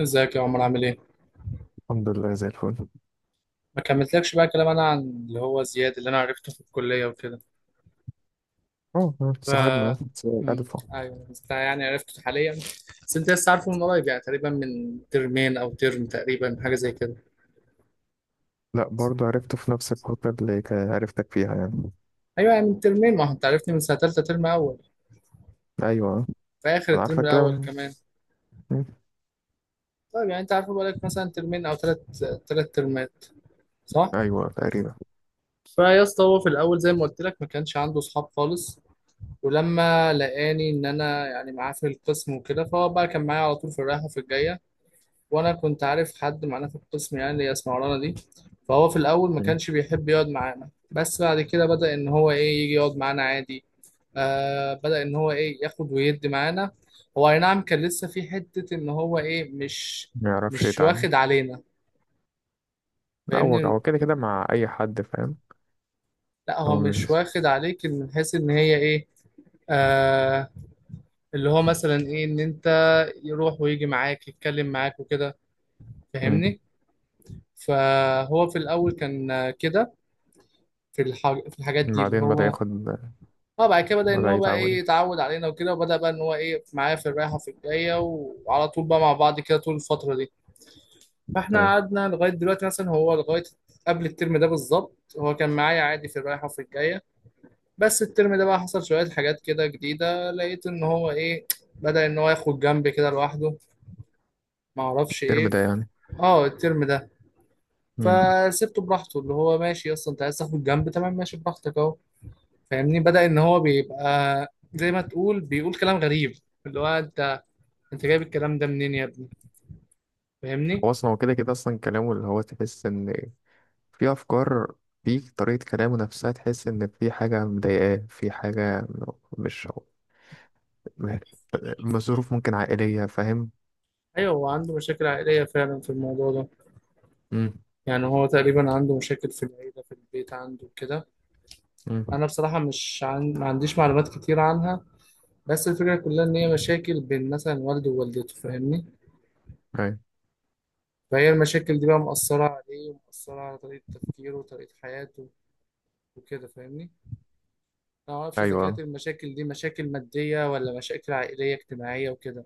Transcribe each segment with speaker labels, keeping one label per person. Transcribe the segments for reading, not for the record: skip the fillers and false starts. Speaker 1: ازيك يا عمر عامل ايه؟
Speaker 2: الحمد لله زي الفل.
Speaker 1: ما كملتلكش بقى كلام انا عن اللي هو زياد اللي انا عرفته في الكلية وكده.
Speaker 2: اه
Speaker 1: ف
Speaker 2: صاحبنا صاحب
Speaker 1: مم.
Speaker 2: ألفا.
Speaker 1: ايوه، بس ده يعني عرفته حاليا. بس انت لسه عارفه من قريب يعني تقريبا من ترمين او ترم تقريبا، حاجة زي كده.
Speaker 2: لا برضه عرفته في نفس الفترة اللي عرفتك فيها يعني.
Speaker 1: ايوه يعني من ترمين، ما هو انت عرفتني من سنة تالتة ترم اول.
Speaker 2: أيوة،
Speaker 1: في اخر
Speaker 2: أنا
Speaker 1: الترم
Speaker 2: عارفك كده
Speaker 1: الاول
Speaker 2: من.
Speaker 1: كمان.
Speaker 2: مم.
Speaker 1: طيب يعني انت عارفه بقالك مثلا ترمين او تلات، تلات ترمات صح؟
Speaker 2: أيوة تقريبا.
Speaker 1: فيا اسطى، هو في الاول زي ما قلت لك ما كانش عنده اصحاب خالص. ولما لقاني ان انا يعني معاه في القسم وكده، فهو بقى كان معايا على طول في الرايحه وفي الجايه. وانا كنت عارف حد معانا في القسم يعني اللي هي اسمها رانا دي. فهو في الاول ما
Speaker 2: مم.
Speaker 1: كانش بيحب يقعد معانا، بس بعد كده بدأ ان هو ايه يجي يقعد معانا عادي. آه، بدأ ان هو ايه ياخد ويدي معانا. هو اي نعم، كان لسه في حته ان هو ايه مش
Speaker 2: ما يعرفش
Speaker 1: مش
Speaker 2: يتعامل.
Speaker 1: واخد علينا.
Speaker 2: لا هو
Speaker 1: فاهمني.
Speaker 2: هو كده كده مع أي حد فاهم.
Speaker 1: لا هو
Speaker 2: هو
Speaker 1: مش
Speaker 2: مش.
Speaker 1: واخد عليك من حيث ان هي ايه. آه. اللي هو مثلا ايه ان انت، يروح ويجي معاك، يتكلم معاك وكده.
Speaker 2: مم.
Speaker 1: فاهمني. فهو في الاول كان كده، في الحاجات دي اللي
Speaker 2: بعدين بدأ
Speaker 1: هو.
Speaker 2: ياخد.
Speaker 1: اه، بعد كده بدأ ان
Speaker 2: بدأ
Speaker 1: هو بقى ايه
Speaker 2: يتعود.
Speaker 1: يتعود علينا وكده، وبدأ بقى ان هو ايه معايا في الرايحة في الجاية. وعلى طول بقى مع بعض كده طول الفترة دي. فاحنا
Speaker 2: أيوة.
Speaker 1: قعدنا لغاية دلوقتي، مثلا هو لغاية قبل الترم ده بالظبط هو كان معايا عادي في الرايحة وفي الجاية. بس الترم ده بقى حصل شوية حاجات كده جديدة، لقيت ان هو ايه بدأ ان هو ياخد جنب كده لوحده، معرفش
Speaker 2: الترم
Speaker 1: ايه.
Speaker 2: ده يعني.
Speaker 1: اه، الترم ده.
Speaker 2: مم.
Speaker 1: فسبته براحته، اللي هو ماشي، اصلا انت عايز تاخد جنب تمام، ماشي براحتك اهو. فاهمني. بدأ ان هو بيبقى زي ما تقول بيقول كلام غريب، اللي هو انت جايب الكلام ده منين يا ابني. فاهمني.
Speaker 2: هو أصلا هو كده كده أصلا كلامه اللي هو تحس إن في أفكار، في طريقة كلامه نفسها تحس إن في حاجة مضايقاه، في حاجة. مش. ماشي. ظروف ممكن عائلية فاهم.
Speaker 1: ايوه، هو عنده مشاكل عائليه فعلا في الموضوع ده.
Speaker 2: امم.
Speaker 1: يعني هو تقريبا عنده مشاكل في العيله، في البيت عنده كده.
Speaker 2: امم.
Speaker 1: انا بصراحه مش عن... ما عنديش معلومات كتير عنها. بس الفكره كلها ان هي مشاكل بين مثلا والده ووالدته، فاهمني.
Speaker 2: أيوة.
Speaker 1: فهي المشاكل دي بقى مأثره عليه ومأثره على طريقه تفكيره وطريقه حياته وكده، فاهمني. انا ما اعرفش اذا كانت
Speaker 2: أيوة.
Speaker 1: المشاكل دي مشاكل ماديه ولا مشاكل عائليه اجتماعيه وكده.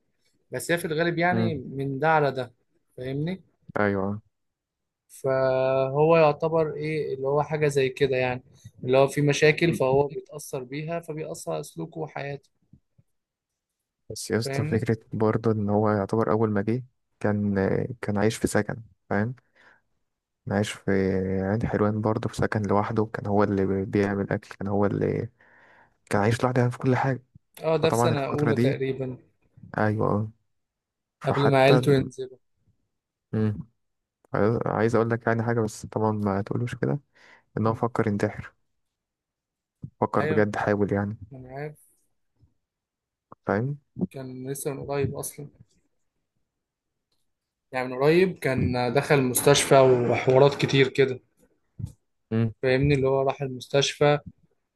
Speaker 1: بس هي في الغالب يعني
Speaker 2: امم.
Speaker 1: من ده على ده. فاهمني.
Speaker 2: أيوة.
Speaker 1: فهو يعتبر ايه اللي هو حاجه زي كده يعني، اللي هو في مشاكل فهو بيتاثر بيها فبيأثر على سلوكه وحياته.
Speaker 2: بس يا اسطى
Speaker 1: فاهمني.
Speaker 2: فكرة برضه إن هو يعتبر أول ما جه، كان، كان عايش في سكن فاهم، كان عايش في عين حلوان برضه في سكن لوحده، كان هو اللي بيعمل أكل، كان هو اللي كان عايش لوحده يعني في كل حاجة.
Speaker 1: اه، ده في
Speaker 2: فطبعا
Speaker 1: سنه
Speaker 2: الفترة
Speaker 1: اولى
Speaker 2: دي.
Speaker 1: تقريبا،
Speaker 2: أيوة.
Speaker 1: قبل ما
Speaker 2: فحتى.
Speaker 1: عيلته ينزلوا.
Speaker 2: امم. عايز أقول لك يعني حاجة بس طبعا ما تقولوش كده، إن هو
Speaker 1: مم.
Speaker 2: فكر ينتحر. فكر
Speaker 1: ايوه،
Speaker 2: بجد حاول يعني
Speaker 1: انا عارف.
Speaker 2: فاهم.
Speaker 1: كان لسه من قريب اصلا. يعني من قريب كان دخل المستشفى وحوارات كتير كده، فاهمني. اللي هو راح المستشفى،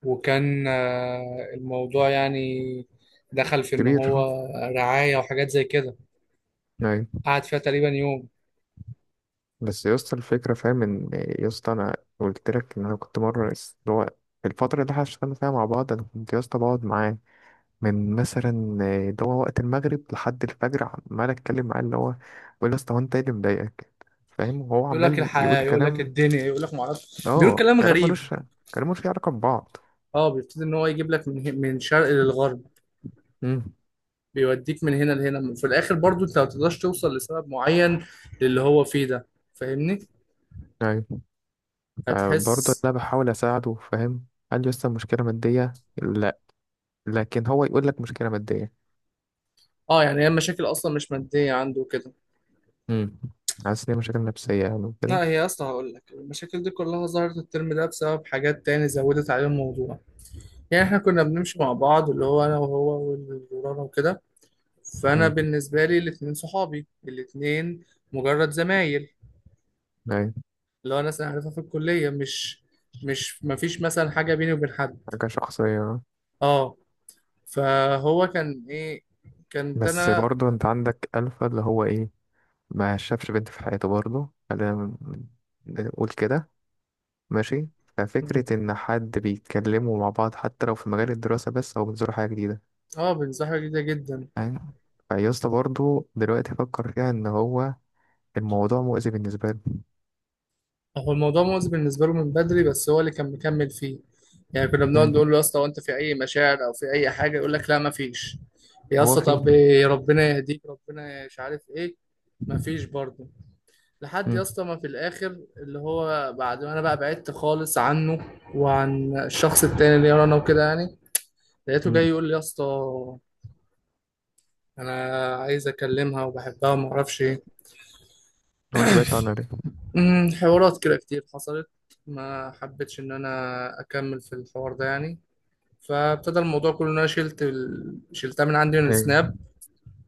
Speaker 1: وكان الموضوع يعني دخل في ان
Speaker 2: كبير
Speaker 1: هو
Speaker 2: اه.
Speaker 1: رعاية وحاجات زي كده.
Speaker 2: يعني.
Speaker 1: قعد فيها تقريبا يوم.
Speaker 2: بس يا اسطى الفكرة فاهم ان، يا اسطى انا قلت لك ان انا كنت مرة اللي هو الفترة اللي احنا اشتغلنا فيها مع بعض، انا كنت يا اسطى بقعد معاه من مثلا اللي هو وقت المغرب لحد الفجر، عمال اتكلم معاه اللي هو بقول يا اسطى هو انت ايه اللي مضايقك فاهم، وهو
Speaker 1: يقول لك
Speaker 2: عمال يقول
Speaker 1: الحياة، يقول لك
Speaker 2: كلام.
Speaker 1: الدنيا، يقول لك معرفش، بيقول
Speaker 2: اه
Speaker 1: كلام
Speaker 2: كلام ملوش،
Speaker 1: غريب.
Speaker 2: كلام ملوش علاقة ببعض.
Speaker 1: اه، بيبتدي ان هو يجيب لك من شرق للغرب.
Speaker 2: امم.
Speaker 1: بيوديك من هنا لهنا، في الاخر برضو انت ما تقدرش توصل لسبب معين للي هو فيه ده. فاهمني.
Speaker 2: ايوه. برضه
Speaker 1: هتحس.
Speaker 2: انا بحاول اساعده فاهم. قال لي يا اسطى مشكلة مادية لا، لكن هو يقول لك مشكلة مادية.
Speaker 1: اه يعني هي المشاكل اصلا مش مادية عنده كده.
Speaker 2: امم. حاسس ان هي مشاكل نفسية يعني وكده.
Speaker 1: لا هي اصلا هقول لك المشاكل دي كلها ظهرت الترم ده بسبب حاجات تاني زودت عليه الموضوع. يعني احنا كنا بنمشي مع بعض، اللي هو انا وهو والورانا وكده. فانا
Speaker 2: امم.
Speaker 1: بالنسبه لي الاتنين صحابي، الاتنين مجرد زمايل.
Speaker 2: أيوة.
Speaker 1: اللي هو ناس انا عارفها في الكليه، مش مش ما فيش مثلا حاجه بيني وبين حد.
Speaker 2: حاجة شخصية.
Speaker 1: اه. فهو كان ايه، كانت
Speaker 2: بس
Speaker 1: انا.
Speaker 2: برضو انت عندك ألفا اللي هو ايه، ما شافش بنت في حياته برضو خلينا ن- نقول كده. ماشي. ففكرة إن حد بيتكلموا مع بعض حتى لو في مجال الدراسة بس أو بيزوروا حاجة جديدة
Speaker 1: اه، بنصاحبه جدا جدا.
Speaker 2: فاهم. فيسطا برضو دلوقتي فكر فيها إن هو الموضوع مؤذي بالنسبة له.
Speaker 1: هو الموضوع مؤذي بالنسبه له من بدري، بس هو اللي كان مكمل فيه. يعني كنا بنقعد
Speaker 2: امم.
Speaker 1: نقول له يا اسطى هو انت في اي مشاعر او في اي حاجه، يقول لك لا ما فيش. يا
Speaker 2: هو
Speaker 1: اسطى
Speaker 2: فيه.
Speaker 1: طب إيه، ربنا يهديك، ربنا مش عارف ايه. مفيش برضه. لحد يا
Speaker 2: امم.
Speaker 1: اسطى ما في الاخر، اللي هو بعد ما انا بقى بعدت خالص عنه وعن الشخص التاني اللي انا وكده يعني، لقيته جاي
Speaker 2: امم.
Speaker 1: يقول لي يا اسطى انا عايز اكلمها وبحبها وما اعرفش ايه.
Speaker 2: هو انت بعدت عنها
Speaker 1: حوارات كده كتير حصلت. ما حبيتش ان انا اكمل في الحوار ده يعني. فابتدى الموضوع كله ان انا شلتها من عندي من
Speaker 2: ليه؟
Speaker 1: السناب.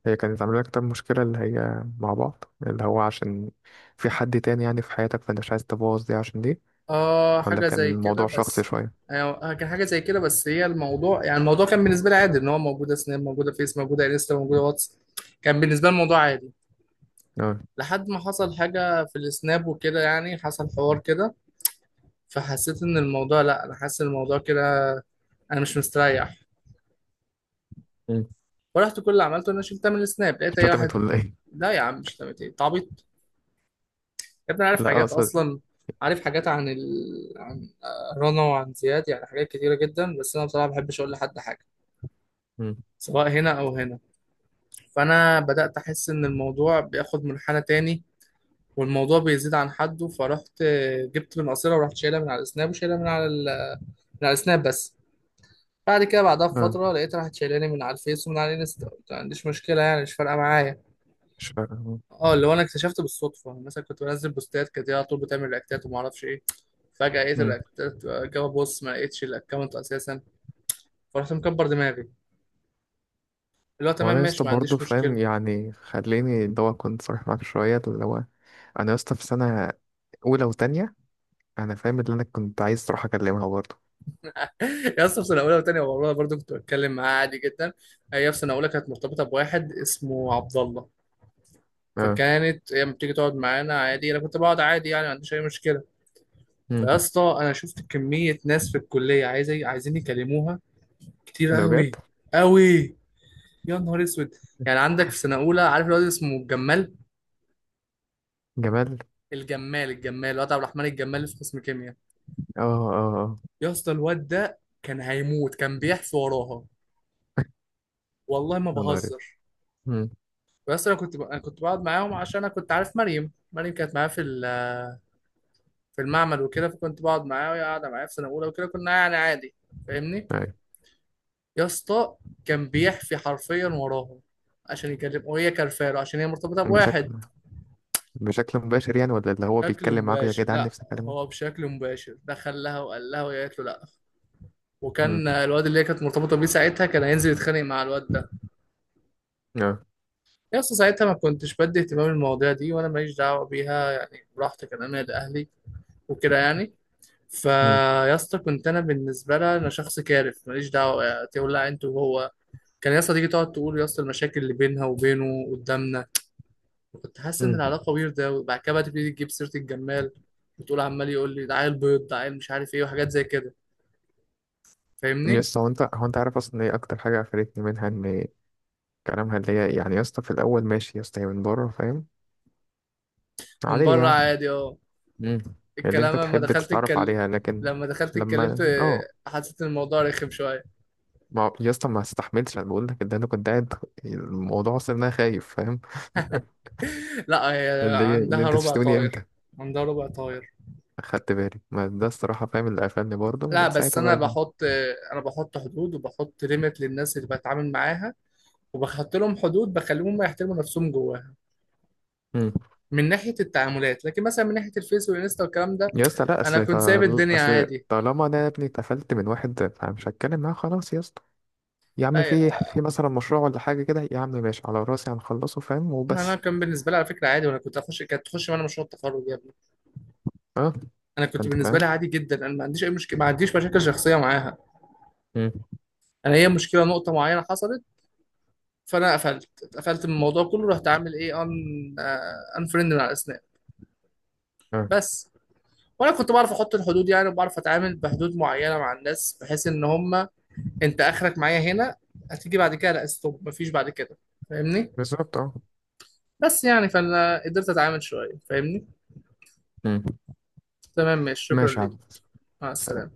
Speaker 2: هي كانت عاملة لك طب مشكلة اللي هي مع بعض اللي هو عشان في حد تاني يعني في حياتك فانت مش عايز تبوظ دي عشان دي؟
Speaker 1: اه،
Speaker 2: ولا
Speaker 1: حاجة
Speaker 2: كان
Speaker 1: زي كده
Speaker 2: الموضوع شخصي
Speaker 1: بس.
Speaker 2: شوية؟
Speaker 1: آه، كان حاجة زي كده. بس هي الموضوع يعني الموضوع كان بالنسبة لي عادي، ان هو موجودة سناب، موجودة فيس، موجودة انستا، موجودة واتس. كان بالنسبة لي الموضوع عادي.
Speaker 2: اه.
Speaker 1: لحد ما حصل حاجة في السناب وكده، يعني حصل حوار كده، فحسيت ان الموضوع لا، انا حاسس ان الموضوع كده انا مش مستريح.
Speaker 2: مم.
Speaker 1: فرحت كل اللي عملته ان انا شلتها من السناب، لقيت هي راحت.
Speaker 2: شتمت ولا ايه؟
Speaker 1: لا يا عم، مش تعمل ايه تعبيط. يا ابني أنا عارف
Speaker 2: لا
Speaker 1: حاجات
Speaker 2: اقصد.
Speaker 1: اصلا، عارف حاجات عن رنا وعن زياد، يعني حاجات كتيرة جدا، بس انا بصراحة ما بحبش اقول لحد حاجة
Speaker 2: مم.
Speaker 1: سواء هنا أو هنا. فأنا بدأت أحس إن الموضوع بياخد منحنى تاني والموضوع بيزيد عن حده، فرحت جبت من قصيرة ورحت شايلها من على السناب وشايلها من على السناب بس. بعد كده بعدها
Speaker 2: اه.
Speaker 1: بفترة لقيت راحت شايلاني من على الفيس ومن على الانستا، قلت ما عنديش مشكلة يعني، مش فارقة معايا.
Speaker 2: مش فاهم.
Speaker 1: اه، اللي هو أنا اكتشفت بالصدفة، يعني مثلا كنت بنزل بوستات كانت هي على طول بتعمل رياكتات وما أعرفش إيه، فجأة لقيت
Speaker 2: مم.
Speaker 1: الرياكتات جابها، بص ما لقيتش الأكونت أساسا. فرحت مكبر دماغي، اللي هو تمام
Speaker 2: وانا يا اسطى
Speaker 1: ماشي ما
Speaker 2: برضه
Speaker 1: عنديش مشكلة.
Speaker 2: فاهم يعني خليني اللي هو كنت صريح معاك شوية اللي هو انا يا اسطى في سنة اولى وتانية، انا فاهم اللي انا كنت عايز اروح اكلمها برضه.
Speaker 1: يا اسطى في سنه اولى وثانيه والله برضو كنت بتكلم معاه عادي جدا. هي في سنه اولى كانت مرتبطه بواحد اسمه عبد الله،
Speaker 2: اه.
Speaker 1: فكانت هي بتيجي تقعد معانا عادي، انا كنت بقعد عادي يعني ما عنديش اي مشكله.
Speaker 2: مم.
Speaker 1: فيا اسطى انا شفت كميه ناس في الكليه عايزين يكلموها، كتير
Speaker 2: ده بجد؟
Speaker 1: قوي قوي. يا نهار اسود. يعني عندك في سنه اولى، عارف الواد اسمه الجمال؟
Speaker 2: جمال.
Speaker 1: الجمال الواد عبد الرحمن الجمال اللي في قسم كيمياء.
Speaker 2: اه اه اه.
Speaker 1: يا اسطى الواد ده كان هيموت، كان بيحفي وراها، والله ما
Speaker 2: يا نهار أسود.
Speaker 1: بهزر.
Speaker 2: مم.
Speaker 1: بس انا انا كنت بقعد معاهم عشان انا كنت عارف مريم كانت معايا في المعمل وكده، فكنت بقعد معاها وهي قاعده معايا في سنه اولى وكده، كنا يعني عادي. فاهمني.
Speaker 2: أيوة.
Speaker 1: يا اسطى كان بيحفي حرفيا وراهم عشان يكلم، وهي كرفاله عشان هي مرتبطه
Speaker 2: بشكل
Speaker 1: بواحد.
Speaker 2: بشكل مباشر يعني ولا اللي هو
Speaker 1: بشكل
Speaker 2: بيتكلم معاك يا
Speaker 1: مباشر
Speaker 2: جدعان
Speaker 1: لا.
Speaker 2: نفسي اكلمه؟
Speaker 1: هو بشكل مباشر دخل لها وقال لها وهي قالت له لا،
Speaker 2: امم.
Speaker 1: وكان الواد اللي هي كانت مرتبطه بيه ساعتها كان هينزل يتخانق مع الواد ده.
Speaker 2: اه.
Speaker 1: يا اسطى ساعتها ما كنتش بدي اهتمام المواضيع دي وانا ماليش دعوه بيها، يعني براحتي كان انا لاهلي وكده يعني.
Speaker 2: امم.
Speaker 1: فيا اسطى كنت انا بالنسبه لها انا شخص كارف، ماليش دعوه، تولع انت وهو. كان يا اسطى تيجي تقعد تقول يا اسطى المشاكل اللي بينها وبينه قدامنا، كنت حاسس ان
Speaker 2: امم.
Speaker 1: العلاقه ويرده. وبعد كده بقى تبتدي تجيب سيره الجمال، وتقول عمال يقول لي ده عيل بيض، ده عيل مش عارف ايه وحاجات زي كده.
Speaker 2: يا
Speaker 1: فاهمني.
Speaker 2: اسطى هو انت عارف اصلا ايه اكتر حاجه قفلتني منها ان كلامها اللي هي يعني، يا اسطى في الاول ماشي يا اسطى هي من بره فاهم
Speaker 1: من
Speaker 2: عاديه
Speaker 1: بره
Speaker 2: يعني.
Speaker 1: عادي، اه.
Speaker 2: امم. اللي
Speaker 1: الكلام
Speaker 2: انت تحب تتعرف عليها لكن.
Speaker 1: لما دخلت اتكلمت
Speaker 2: لما اه.
Speaker 1: حسيت ان الموضوع رخم شويه.
Speaker 2: ما هو- يا اسطى ما استحملتش، انا بقول لك ان انا كنت قاعد الموضوع اصلا إن انا خايف فاهم.
Speaker 1: لا هي
Speaker 2: اللي هي اللي
Speaker 1: عندها
Speaker 2: انت
Speaker 1: ربع
Speaker 2: تشتمني امتى.
Speaker 1: طاير، عندها ربع طاير.
Speaker 2: اخدت بالي ما ده الصراحه فاهم، اللي قفلني برضه
Speaker 1: لا
Speaker 2: ومن
Speaker 1: بس
Speaker 2: ساعتها
Speaker 1: انا
Speaker 2: بقى.
Speaker 1: بحط انا بحط حدود، وبحط ليميت للناس اللي بتعامل معاها، وبحط لهم حدود بخليهم يحترموا نفسهم جواها من ناحيه التعاملات. لكن مثلا من ناحيه الفيس والانستا والكلام ده،
Speaker 2: يا اسطى لا
Speaker 1: انا
Speaker 2: اصل
Speaker 1: كنت سايب الدنيا
Speaker 2: اصل
Speaker 1: عادي.
Speaker 2: طالما انا يا ابني اتقفلت من واحد فمش هتكلم معاه خلاص يا اسطى. يا عم
Speaker 1: أي-
Speaker 2: في مثلا مشروع ولا حاجه كده يا عم ماشي على راسي هنخلصه فاهم
Speaker 1: انا
Speaker 2: وبس.
Speaker 1: كان بالنسبه لي على فكره عادي، وانا كنت اخش كانت تخش معانا مشروع التخرج يا ابني.
Speaker 2: اه.
Speaker 1: انا كنت
Speaker 2: انت
Speaker 1: بالنسبه
Speaker 2: فاهم.
Speaker 1: لي عادي جدا، انا ما عنديش اي مشكله، ما عنديش مشاكل شخصيه معاها.
Speaker 2: امم.
Speaker 1: انا هي مشكله نقطه معينه حصلت، فانا اتقفلت من الموضوع كله، رحت عامل ايه، ان انفريند من على الاسناب،
Speaker 2: اه.
Speaker 1: بس. وانا كنت بعرف احط الحدود يعني، وبعرف اتعامل بحدود معينه مع الناس بحيث ان هم انت اخرك معايا هنا، هتيجي بعد كده لا، ستوب، مفيش بعد كده. فاهمني.
Speaker 2: بالظبط اه.
Speaker 1: بس يعني فانا قدرت اتعامل شويه. فاهمني.
Speaker 2: امم.
Speaker 1: تمام ماشي، شكرا
Speaker 2: ماشي يا
Speaker 1: ليك.
Speaker 2: عم.
Speaker 1: مع
Speaker 2: سلام.
Speaker 1: السلامه.